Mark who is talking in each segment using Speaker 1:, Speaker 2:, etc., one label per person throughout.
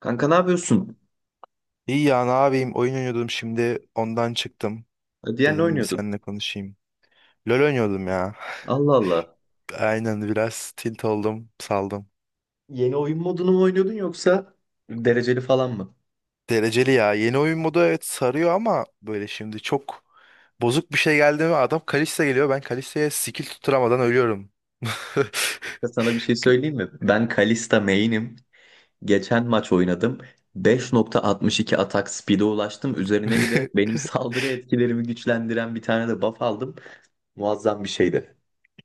Speaker 1: Kanka ne yapıyorsun?
Speaker 2: İyi ya ne yapayım, oyun oynuyordum, şimdi ondan çıktım.
Speaker 1: Diğer ne
Speaker 2: Dedim bir
Speaker 1: oynuyordun?
Speaker 2: seninle konuşayım. LoL oynuyordum ya.
Speaker 1: Allah Allah.
Speaker 2: Aynen, biraz tilt oldum, saldım.
Speaker 1: Yeni oyun modunu mu oynuyordun yoksa dereceli falan mı?
Speaker 2: Dereceli ya, yeni oyun modu, evet sarıyor ama böyle şimdi çok bozuk bir şey geldi mi, adam Kalista geliyor, ben Kalista'ya skill tutturamadan ölüyorum.
Speaker 1: Ya sana bir şey söyleyeyim mi? Ben Kalista main'im. Geçen maç oynadım. 5,62 atak speed'e ulaştım. Üzerine bir de benim saldırı etkilerimi güçlendiren bir tane de buff aldım. Muazzam bir şeydi.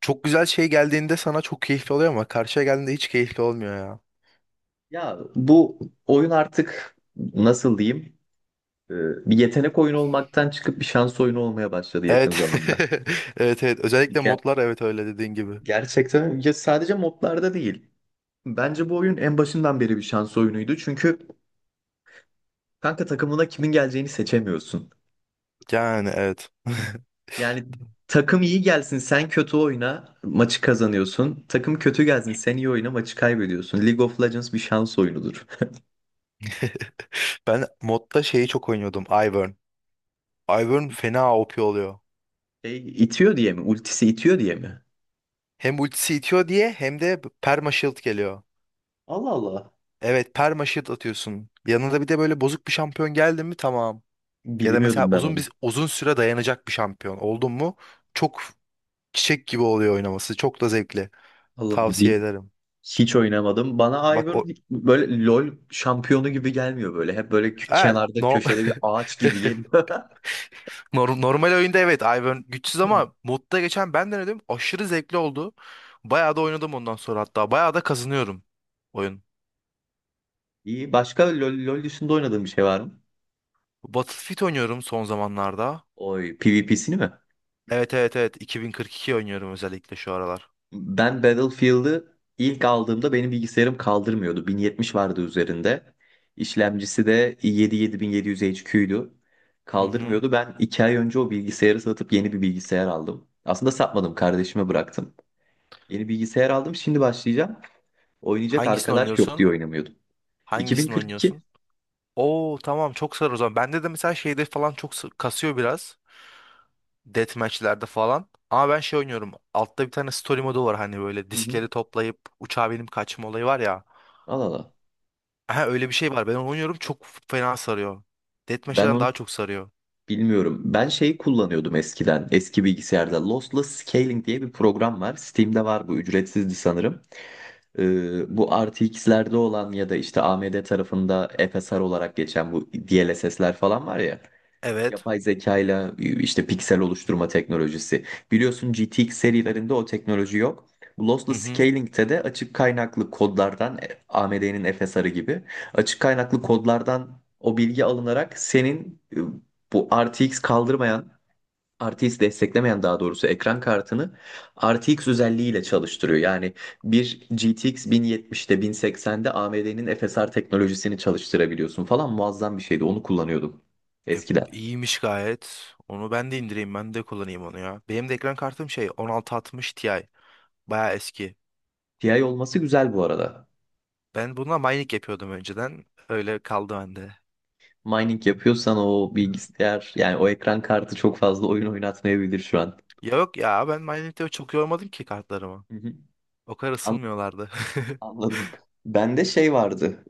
Speaker 2: Çok güzel, şey geldiğinde sana çok keyifli oluyor ama karşıya geldiğinde hiç keyifli olmuyor ya.
Speaker 1: Ya bu oyun artık nasıl diyeyim? Ee, Bir yetenek oyunu olmaktan çıkıp bir şans oyunu olmaya başladı yakın
Speaker 2: Evet.
Speaker 1: zamanda.
Speaker 2: Evet, özellikle
Speaker 1: Ger-
Speaker 2: modlar, evet, öyle dediğin gibi.
Speaker 1: Gerçekten ya sadece modlarda değil. Bence bu oyun en başından beri bir şans oyunuydu. Çünkü kanka takımına kimin geleceğini seçemiyorsun.
Speaker 2: Yani evet.
Speaker 1: Yani takım iyi gelsin sen kötü oyna maçı kazanıyorsun. Takım kötü gelsin sen iyi oyna maçı kaybediyorsun. League of Legends bir şans oyunudur.
Speaker 2: Ben modda şeyi çok oynuyordum. Ivern. Ivern fena OP oluyor.
Speaker 1: E, itiyor diye mi? Ultisi itiyor diye mi?
Speaker 2: Hem ultisi itiyor diye hem de perma shield geliyor.
Speaker 1: Allah Allah.
Speaker 2: Evet, perma shield atıyorsun. Yanında bir de böyle bozuk bir şampiyon geldi mi, tamam. Ya da mesela
Speaker 1: Bilmiyordum ben
Speaker 2: uzun
Speaker 1: onu.
Speaker 2: uzun süre dayanacak bir şampiyon oldun mu, çok çiçek gibi oluyor oynaması. Çok da zevkli.
Speaker 1: Allah Allah.
Speaker 2: Tavsiye ederim.
Speaker 1: Hiç oynamadım. Bana
Speaker 2: Bak
Speaker 1: Ivern
Speaker 2: o,
Speaker 1: böyle LoL şampiyonu gibi gelmiyor böyle. Hep böyle
Speaker 2: ha,
Speaker 1: kenarda köşede bir ağaç gibi geliyor.
Speaker 2: normal oyunda evet Ivern güçsüz, ama modda geçen ben denedim. Aşırı zevkli oldu. Bayağı da oynadım ondan sonra hatta. Bayağı da kazanıyorum oyun.
Speaker 1: İyi. Başka LoL dışında oynadığım bir şey var mı?
Speaker 2: Battlefield oynuyorum son zamanlarda.
Speaker 1: Oy, PvP'sini mi?
Speaker 2: Evet, 2042 oynuyorum özellikle şu aralar.
Speaker 1: Ben Battlefield'ı ilk aldığımda benim bilgisayarım kaldırmıyordu. 1070 vardı üzerinde. İşlemcisi de i7-7700 HQ'ydu.
Speaker 2: Hı hı.
Speaker 1: Kaldırmıyordu. Ben 2 ay önce o bilgisayarı satıp yeni bir bilgisayar aldım. Aslında satmadım, kardeşime bıraktım. Yeni bilgisayar aldım, şimdi başlayacağım. Oynayacak
Speaker 2: Hangisini
Speaker 1: arkadaş yok diye
Speaker 2: oynuyorsun?
Speaker 1: oynamıyordum.
Speaker 2: Hangisini
Speaker 1: 2042.
Speaker 2: oynuyorsun? Oo tamam, çok sarı o zaman. Bende de mesela şeyde falan çok kasıyor biraz. Deathmatch'lerde falan. Ama ben şey oynuyorum. Altta bir tane story modu var, hani böyle
Speaker 1: Hı hı.
Speaker 2: diskleri toplayıp uçağa binip kaçma olayı var ya.
Speaker 1: Al, al, al.
Speaker 2: Aha, öyle bir şey var. Ben onu oynuyorum, çok fena sarıyor.
Speaker 1: Ben
Speaker 2: Deathmatch'ten
Speaker 1: onu
Speaker 2: daha çok sarıyor.
Speaker 1: Bilmiyorum. Ben şey kullanıyordum eskiden. Eski bilgisayarda Lossless Scaling diye bir program var. Steam'de var bu. Ücretsizdi sanırım. Bu RTX'lerde olan ya da işte AMD tarafında FSR olarak geçen bu DLSS'ler falan var ya.
Speaker 2: Evet.
Speaker 1: Yapay zekayla işte piksel oluşturma teknolojisi. Biliyorsun GTX serilerinde o teknoloji yok. Bu
Speaker 2: Hı
Speaker 1: Lossless
Speaker 2: hı.
Speaker 1: Scaling'te de açık kaynaklı kodlardan AMD'nin FSR'ı gibi açık kaynaklı kodlardan o bilgi alınarak senin bu RTX kaldırmayan RTX desteklemeyen daha doğrusu ekran kartını RTX özelliğiyle çalıştırıyor. Yani bir GTX 1070'te, 1080'de AMD'nin FSR teknolojisini çalıştırabiliyorsun falan. Muazzam bir şeydi. Onu kullanıyordum
Speaker 2: E,
Speaker 1: eskiden.
Speaker 2: iyiymiş gayet. Onu ben de indireyim, ben de kullanayım onu ya. Benim de ekran kartım şey, 1660 Ti. Baya eski.
Speaker 1: TI olması güzel bu arada.
Speaker 2: Ben bununla mining yapıyordum önceden. Öyle kaldı bende.
Speaker 1: Mining yapıyorsan o bilgisayar yani o ekran kartı çok fazla oyun oynatmayabilir şu an.
Speaker 2: Ya, yok ya, ben mining'de çok yormadım ki kartlarımı.
Speaker 1: Hı hı.
Speaker 2: O kadar
Speaker 1: An-
Speaker 2: ısınmıyorlardı.
Speaker 1: Anladım. Bende şey vardı.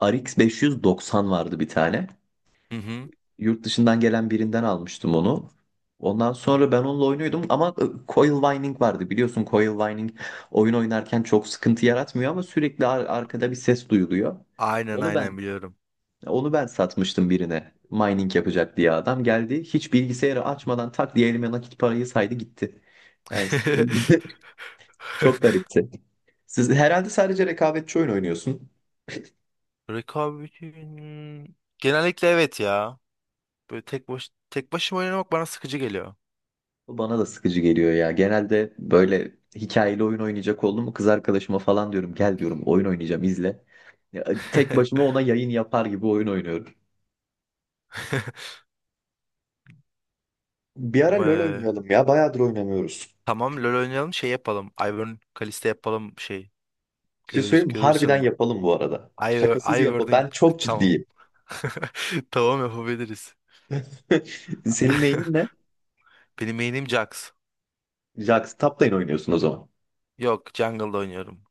Speaker 1: RX 590 vardı bir tane.
Speaker 2: Hı hı.
Speaker 1: Yurt dışından gelen birinden almıştım onu. Ondan sonra ben onunla oynuyordum ama coil whining vardı. Biliyorsun coil whining oyun oynarken çok sıkıntı yaratmıyor ama sürekli arkada bir ses duyuluyor.
Speaker 2: Aynen,
Speaker 1: Onu ben
Speaker 2: aynen, biliyorum.
Speaker 1: Onu ben satmıştım birine. Mining yapacak diye adam geldi. Hiç bilgisayarı açmadan tak diye elime nakit parayı saydı gitti. Yani çok garipti. Siz herhalde sadece rekabetçi oyun oynuyorsun.
Speaker 2: Rekabet'in genellikle, evet ya. Böyle tek başıma oynamak bana sıkıcı geliyor.
Speaker 1: Bu bana da sıkıcı geliyor ya. Genelde böyle hikayeli oyun oynayacak oldum mu kız arkadaşıma falan diyorum gel diyorum oyun oynayacağım izle. Ya, tek başıma ona yayın yapar gibi oyun oynuyorum. Bir ara LoL
Speaker 2: Eee,
Speaker 1: oynayalım ya. Bayağıdır oynamıyoruz.
Speaker 2: Tamam, LoL oynayalım, şey yapalım. Ivern Kalista yapalım şey.
Speaker 1: Bir şey söyleyeyim mi? Harbiden
Speaker 2: Görürsün.
Speaker 1: yapalım bu arada. Şakasız
Speaker 2: I,
Speaker 1: yapalım.
Speaker 2: wording
Speaker 1: Ben çok
Speaker 2: Tamam.
Speaker 1: ciddiyim.
Speaker 2: Tamam, yapabiliriz.
Speaker 1: Senin mailin ne?
Speaker 2: Benim main'im Jax.
Speaker 1: Jax Tap'tayın oynuyorsun o zaman.
Speaker 2: Yok, jungle'da oynuyorum.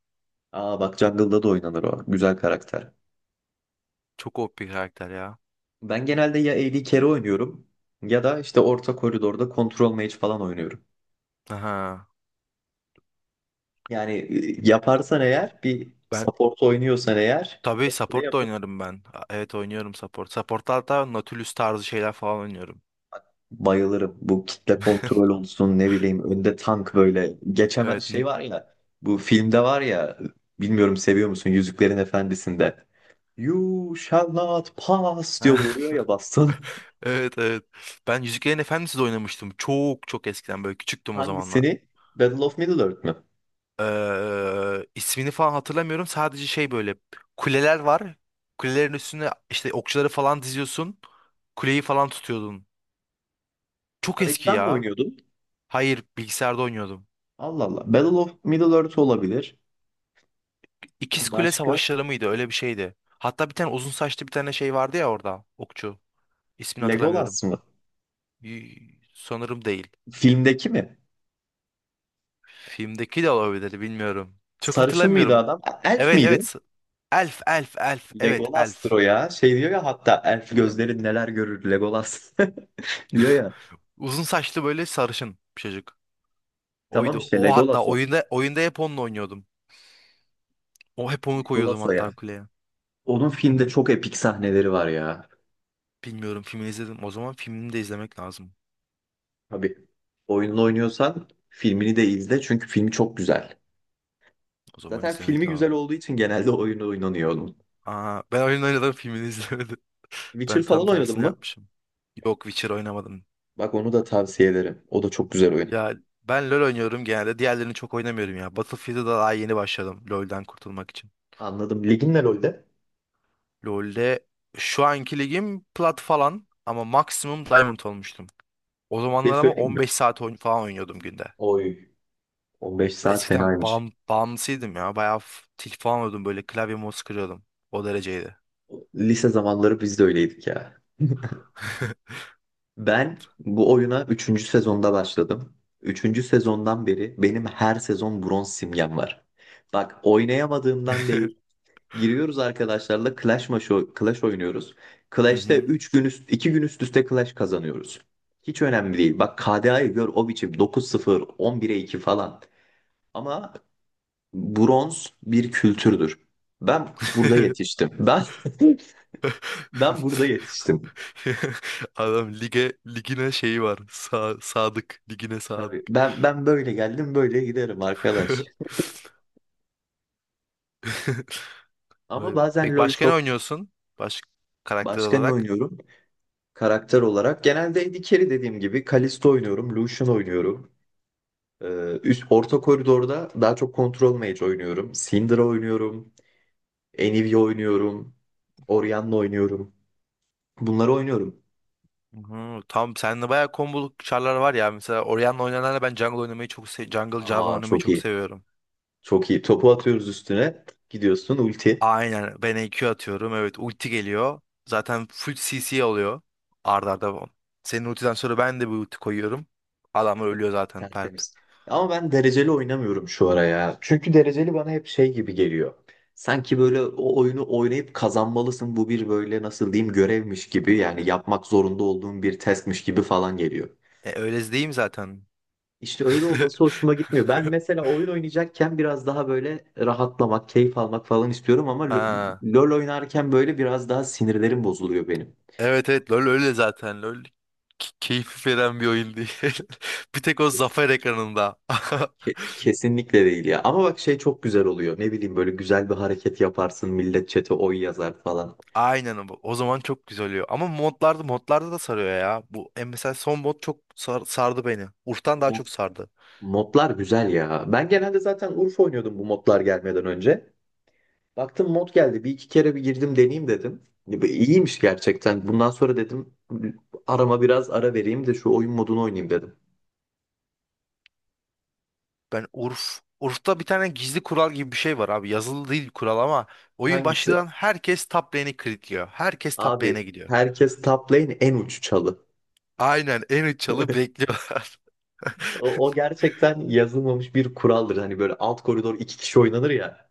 Speaker 1: Aa, bak Jungle'da da oynanır o. Güzel karakter.
Speaker 2: Çok OP bir karakter ya.
Speaker 1: Ben genelde ya AD Carry oynuyorum ya da işte orta koridorda Control Mage falan oynuyorum.
Speaker 2: Aha.
Speaker 1: Yani yaparsan eğer bir
Speaker 2: Ben
Speaker 1: support oynuyorsan eğer
Speaker 2: tabii
Speaker 1: ne
Speaker 2: support da
Speaker 1: yapın?
Speaker 2: oynarım ben. Evet, oynuyorum support. Support'ta hatta Nautilus tarzı şeyler falan oynuyorum.
Speaker 1: Bayılırım. Bu kitle kontrol olsun, ne bileyim önde tank böyle geçemez
Speaker 2: Evet.
Speaker 1: şey var ya. Bu filmde var ya, bilmiyorum seviyor musun, Yüzüklerin Efendisi'nde "You shall not pass" diyor, vuruyor ya baston.
Speaker 2: Evet evet. Ben Yüzüklerin Efendisi de oynamıştım. Çok çok eskiden, böyle küçüktüm o zamanlar.
Speaker 1: Hangisini? Battle of Middle-earth mü?
Speaker 2: Eee, ismini falan hatırlamıyorum. Sadece şey, böyle kuleler var. Kulelerin üstüne işte okçuları falan diziyorsun. Kuleyi falan tutuyordun. Çok eski
Speaker 1: Arayıcıdan mı
Speaker 2: ya.
Speaker 1: oynuyordun?
Speaker 2: Hayır, bilgisayarda oynuyordum.
Speaker 1: Allah Allah. Battle of Middle Earth olabilir.
Speaker 2: İkiz Kule
Speaker 1: Başka?
Speaker 2: Savaşları mıydı? Öyle bir şeydi. Hatta bir tane uzun saçlı bir tane şey vardı ya orada. Okçu. İsmini hatırlamıyorum.
Speaker 1: Legolas mı?
Speaker 2: Sanırım değil.
Speaker 1: Filmdeki mi?
Speaker 2: Filmdeki de olabilir, bilmiyorum. Çok
Speaker 1: Sarışın mıydı
Speaker 2: hatırlamıyorum.
Speaker 1: adam? Elf
Speaker 2: Evet
Speaker 1: miydi?
Speaker 2: evet. Elf, elf, elf. Evet,
Speaker 1: Legolas'tır
Speaker 2: elf.
Speaker 1: o ya. Şey diyor ya hatta, elf gözlerin neler görür Legolas diyor ya.
Speaker 2: Uzun saçlı böyle sarışın bir çocuk.
Speaker 1: Tamam
Speaker 2: Oydu.
Speaker 1: işte
Speaker 2: O hatta
Speaker 1: Legolas o.
Speaker 2: oyunda hep onunla oynuyordum. O hep onu koyuyordum
Speaker 1: Legolas o ya.
Speaker 2: hatta kuleye.
Speaker 1: Onun filmde çok epik sahneleri var ya.
Speaker 2: Bilmiyorum, filmini izledim. O zaman filmini de izlemek lazım.
Speaker 1: Tabii. Oyununu oynuyorsan filmini de izle, çünkü filmi çok güzel.
Speaker 2: O zaman
Speaker 1: Zaten filmi
Speaker 2: izlemek
Speaker 1: güzel
Speaker 2: lazım.
Speaker 1: olduğu için genelde oyunu oynanıyor onun.
Speaker 2: Aa, ben oyun oynadım, filmini izlemedim.
Speaker 1: Witcher
Speaker 2: Ben tam
Speaker 1: falan oynadın
Speaker 2: tersini
Speaker 1: mı?
Speaker 2: yapmışım. Yok, Witcher oynamadım.
Speaker 1: Bak onu da tavsiye ederim. O da çok güzel oyun.
Speaker 2: Ya, ben LoL oynuyorum genelde. Diğerlerini çok oynamıyorum ya. Battlefield'a da daha yeni başladım LoL'den kurtulmak için.
Speaker 1: Anladım. Ligin ne LoL'de?
Speaker 2: LoL'de şu anki ligim plat falan ama maksimum diamond olmuştum. O
Speaker 1: Bir şey
Speaker 2: zamanlar ama
Speaker 1: söyleyeyim mi?
Speaker 2: 15 saat falan oynuyordum günde.
Speaker 1: Oy. 15 saat
Speaker 2: Eskiden
Speaker 1: fenaymış.
Speaker 2: bağımlısıydım ya. Bayağı tilt falan oluyordum, böyle klavye mouse kırıyordum. O dereceydi.
Speaker 1: Lise zamanları biz de öyleydik ya. Ben bu oyuna üçüncü sezonda başladım. Üçüncü sezondan beri benim her sezon bronz simgem var. Bak oynayamadığımdan değil. Giriyoruz arkadaşlarla Clash maçı, Clash oynuyoruz.
Speaker 2: Hı
Speaker 1: Clash'te
Speaker 2: hı.
Speaker 1: 3 gün üst, 2 gün üst üste Clash kazanıyoruz. Hiç önemli değil. Bak KDA'yı gör o biçim, 9-0, 11'e iki falan. Ama bronz bir kültürdür. Ben burada yetiştim. Ben ben burada yetiştim.
Speaker 2: Adam ligine şeyi var. Sadık. Ligine sadık.
Speaker 1: Tabii ben böyle geldim böyle giderim arkadaş. Ama
Speaker 2: Vay be.
Speaker 1: bazen
Speaker 2: Peki
Speaker 1: LoL
Speaker 2: başka ne
Speaker 1: çok...
Speaker 2: oynuyorsun? Baş karakter
Speaker 1: Başka ne
Speaker 2: olarak.
Speaker 1: oynuyorum karakter olarak? Genelde AD Carry dediğim gibi Kalisto oynuyorum, Lucian oynuyorum. Ee, üst orta koridorda daha çok Control Mage oynuyorum. Syndra oynuyorum, Anivia oynuyorum, Orianna oynuyorum. Bunları oynuyorum.
Speaker 2: Hı, tam sende bayağı komboluk çarlar var ya. Mesela Orion'la oynananla ben jungle oynamayı çok jungle Jarvan
Speaker 1: Aa
Speaker 2: oynamayı
Speaker 1: çok
Speaker 2: çok
Speaker 1: iyi.
Speaker 2: seviyorum.
Speaker 1: Çok iyi. Topu atıyoruz üstüne. Gidiyorsun ulti.
Speaker 2: Aynen, ben EQ atıyorum. Evet, ulti geliyor. Zaten full CC oluyor. Arda arda. Bu. Senin ultiden sonra ben de bir ulti koyuyorum. Adam ölüyor zaten pert.
Speaker 1: Tertemiz. Ama ben dereceli oynamıyorum şu ara ya. Çünkü dereceli bana hep şey gibi geliyor. Sanki böyle o oyunu oynayıp kazanmalısın. Bu bir böyle nasıl diyeyim, görevmiş gibi, yani yapmak zorunda olduğum bir testmiş gibi falan geliyor.
Speaker 2: Öyle değil mi zaten?
Speaker 1: İşte öyle olması hoşuma gitmiyor. Ben mesela oyun oynayacakken biraz daha böyle rahatlamak, keyif almak falan istiyorum ama
Speaker 2: Ha.
Speaker 1: LoL oynarken böyle biraz daha sinirlerim bozuluyor benim.
Speaker 2: Evet evet, LoL öyle zaten. LoL keyif veren bir oyun değil. Bir tek o zafer ekranında.
Speaker 1: Kesinlikle değil ya. Ama bak şey çok güzel oluyor. Ne bileyim böyle güzel bir hareket yaparsın. Millet chat'e oy yazar falan.
Speaker 2: Aynen bu. O zaman çok güzel oluyor. Ama modlarda da sarıyor ya. Bu mesela son mod çok sardı beni. Urf'tan daha
Speaker 1: Mo-
Speaker 2: çok sardı.
Speaker 1: Modlar güzel ya. Ben genelde zaten Urfa oynuyordum bu modlar gelmeden önce. Baktım mod geldi. Bir iki kere bir girdim deneyeyim dedim. Ya bu İyiymiş gerçekten. Bundan sonra dedim arama biraz ara vereyim de şu oyun modunu oynayayım dedim.
Speaker 2: Ben Urf. Urf'ta bir tane gizli kural gibi bir şey var abi. Yazılı değil kural ama oyun
Speaker 1: Hangisi?
Speaker 2: başlayan herkes top lane'i kilitliyor. Herkes top
Speaker 1: Abi
Speaker 2: lane'e gidiyor.
Speaker 1: herkes top lane en uç çalı.
Speaker 2: Aynen, en üç çalı bekliyorlar.
Speaker 1: O, o gerçekten yazılmamış bir kuraldır. Hani böyle alt koridor iki kişi oynanır ya.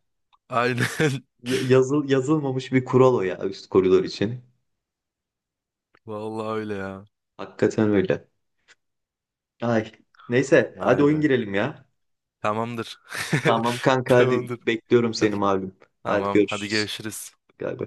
Speaker 2: Aynen.
Speaker 1: Yazılmamış bir kural o ya üst koridor için.
Speaker 2: Vallahi öyle ya.
Speaker 1: Hakikaten öyle. Ay. Neyse hadi
Speaker 2: Vay
Speaker 1: oyun
Speaker 2: be.
Speaker 1: girelim ya.
Speaker 2: Tamamdır.
Speaker 1: Tamam kanka, hadi
Speaker 2: Tamamdır.
Speaker 1: bekliyorum seni
Speaker 2: Hadi.
Speaker 1: malum. Hadi
Speaker 2: Tamam. Hadi
Speaker 1: görüşürüz.
Speaker 2: görüşürüz.
Speaker 1: Galiba.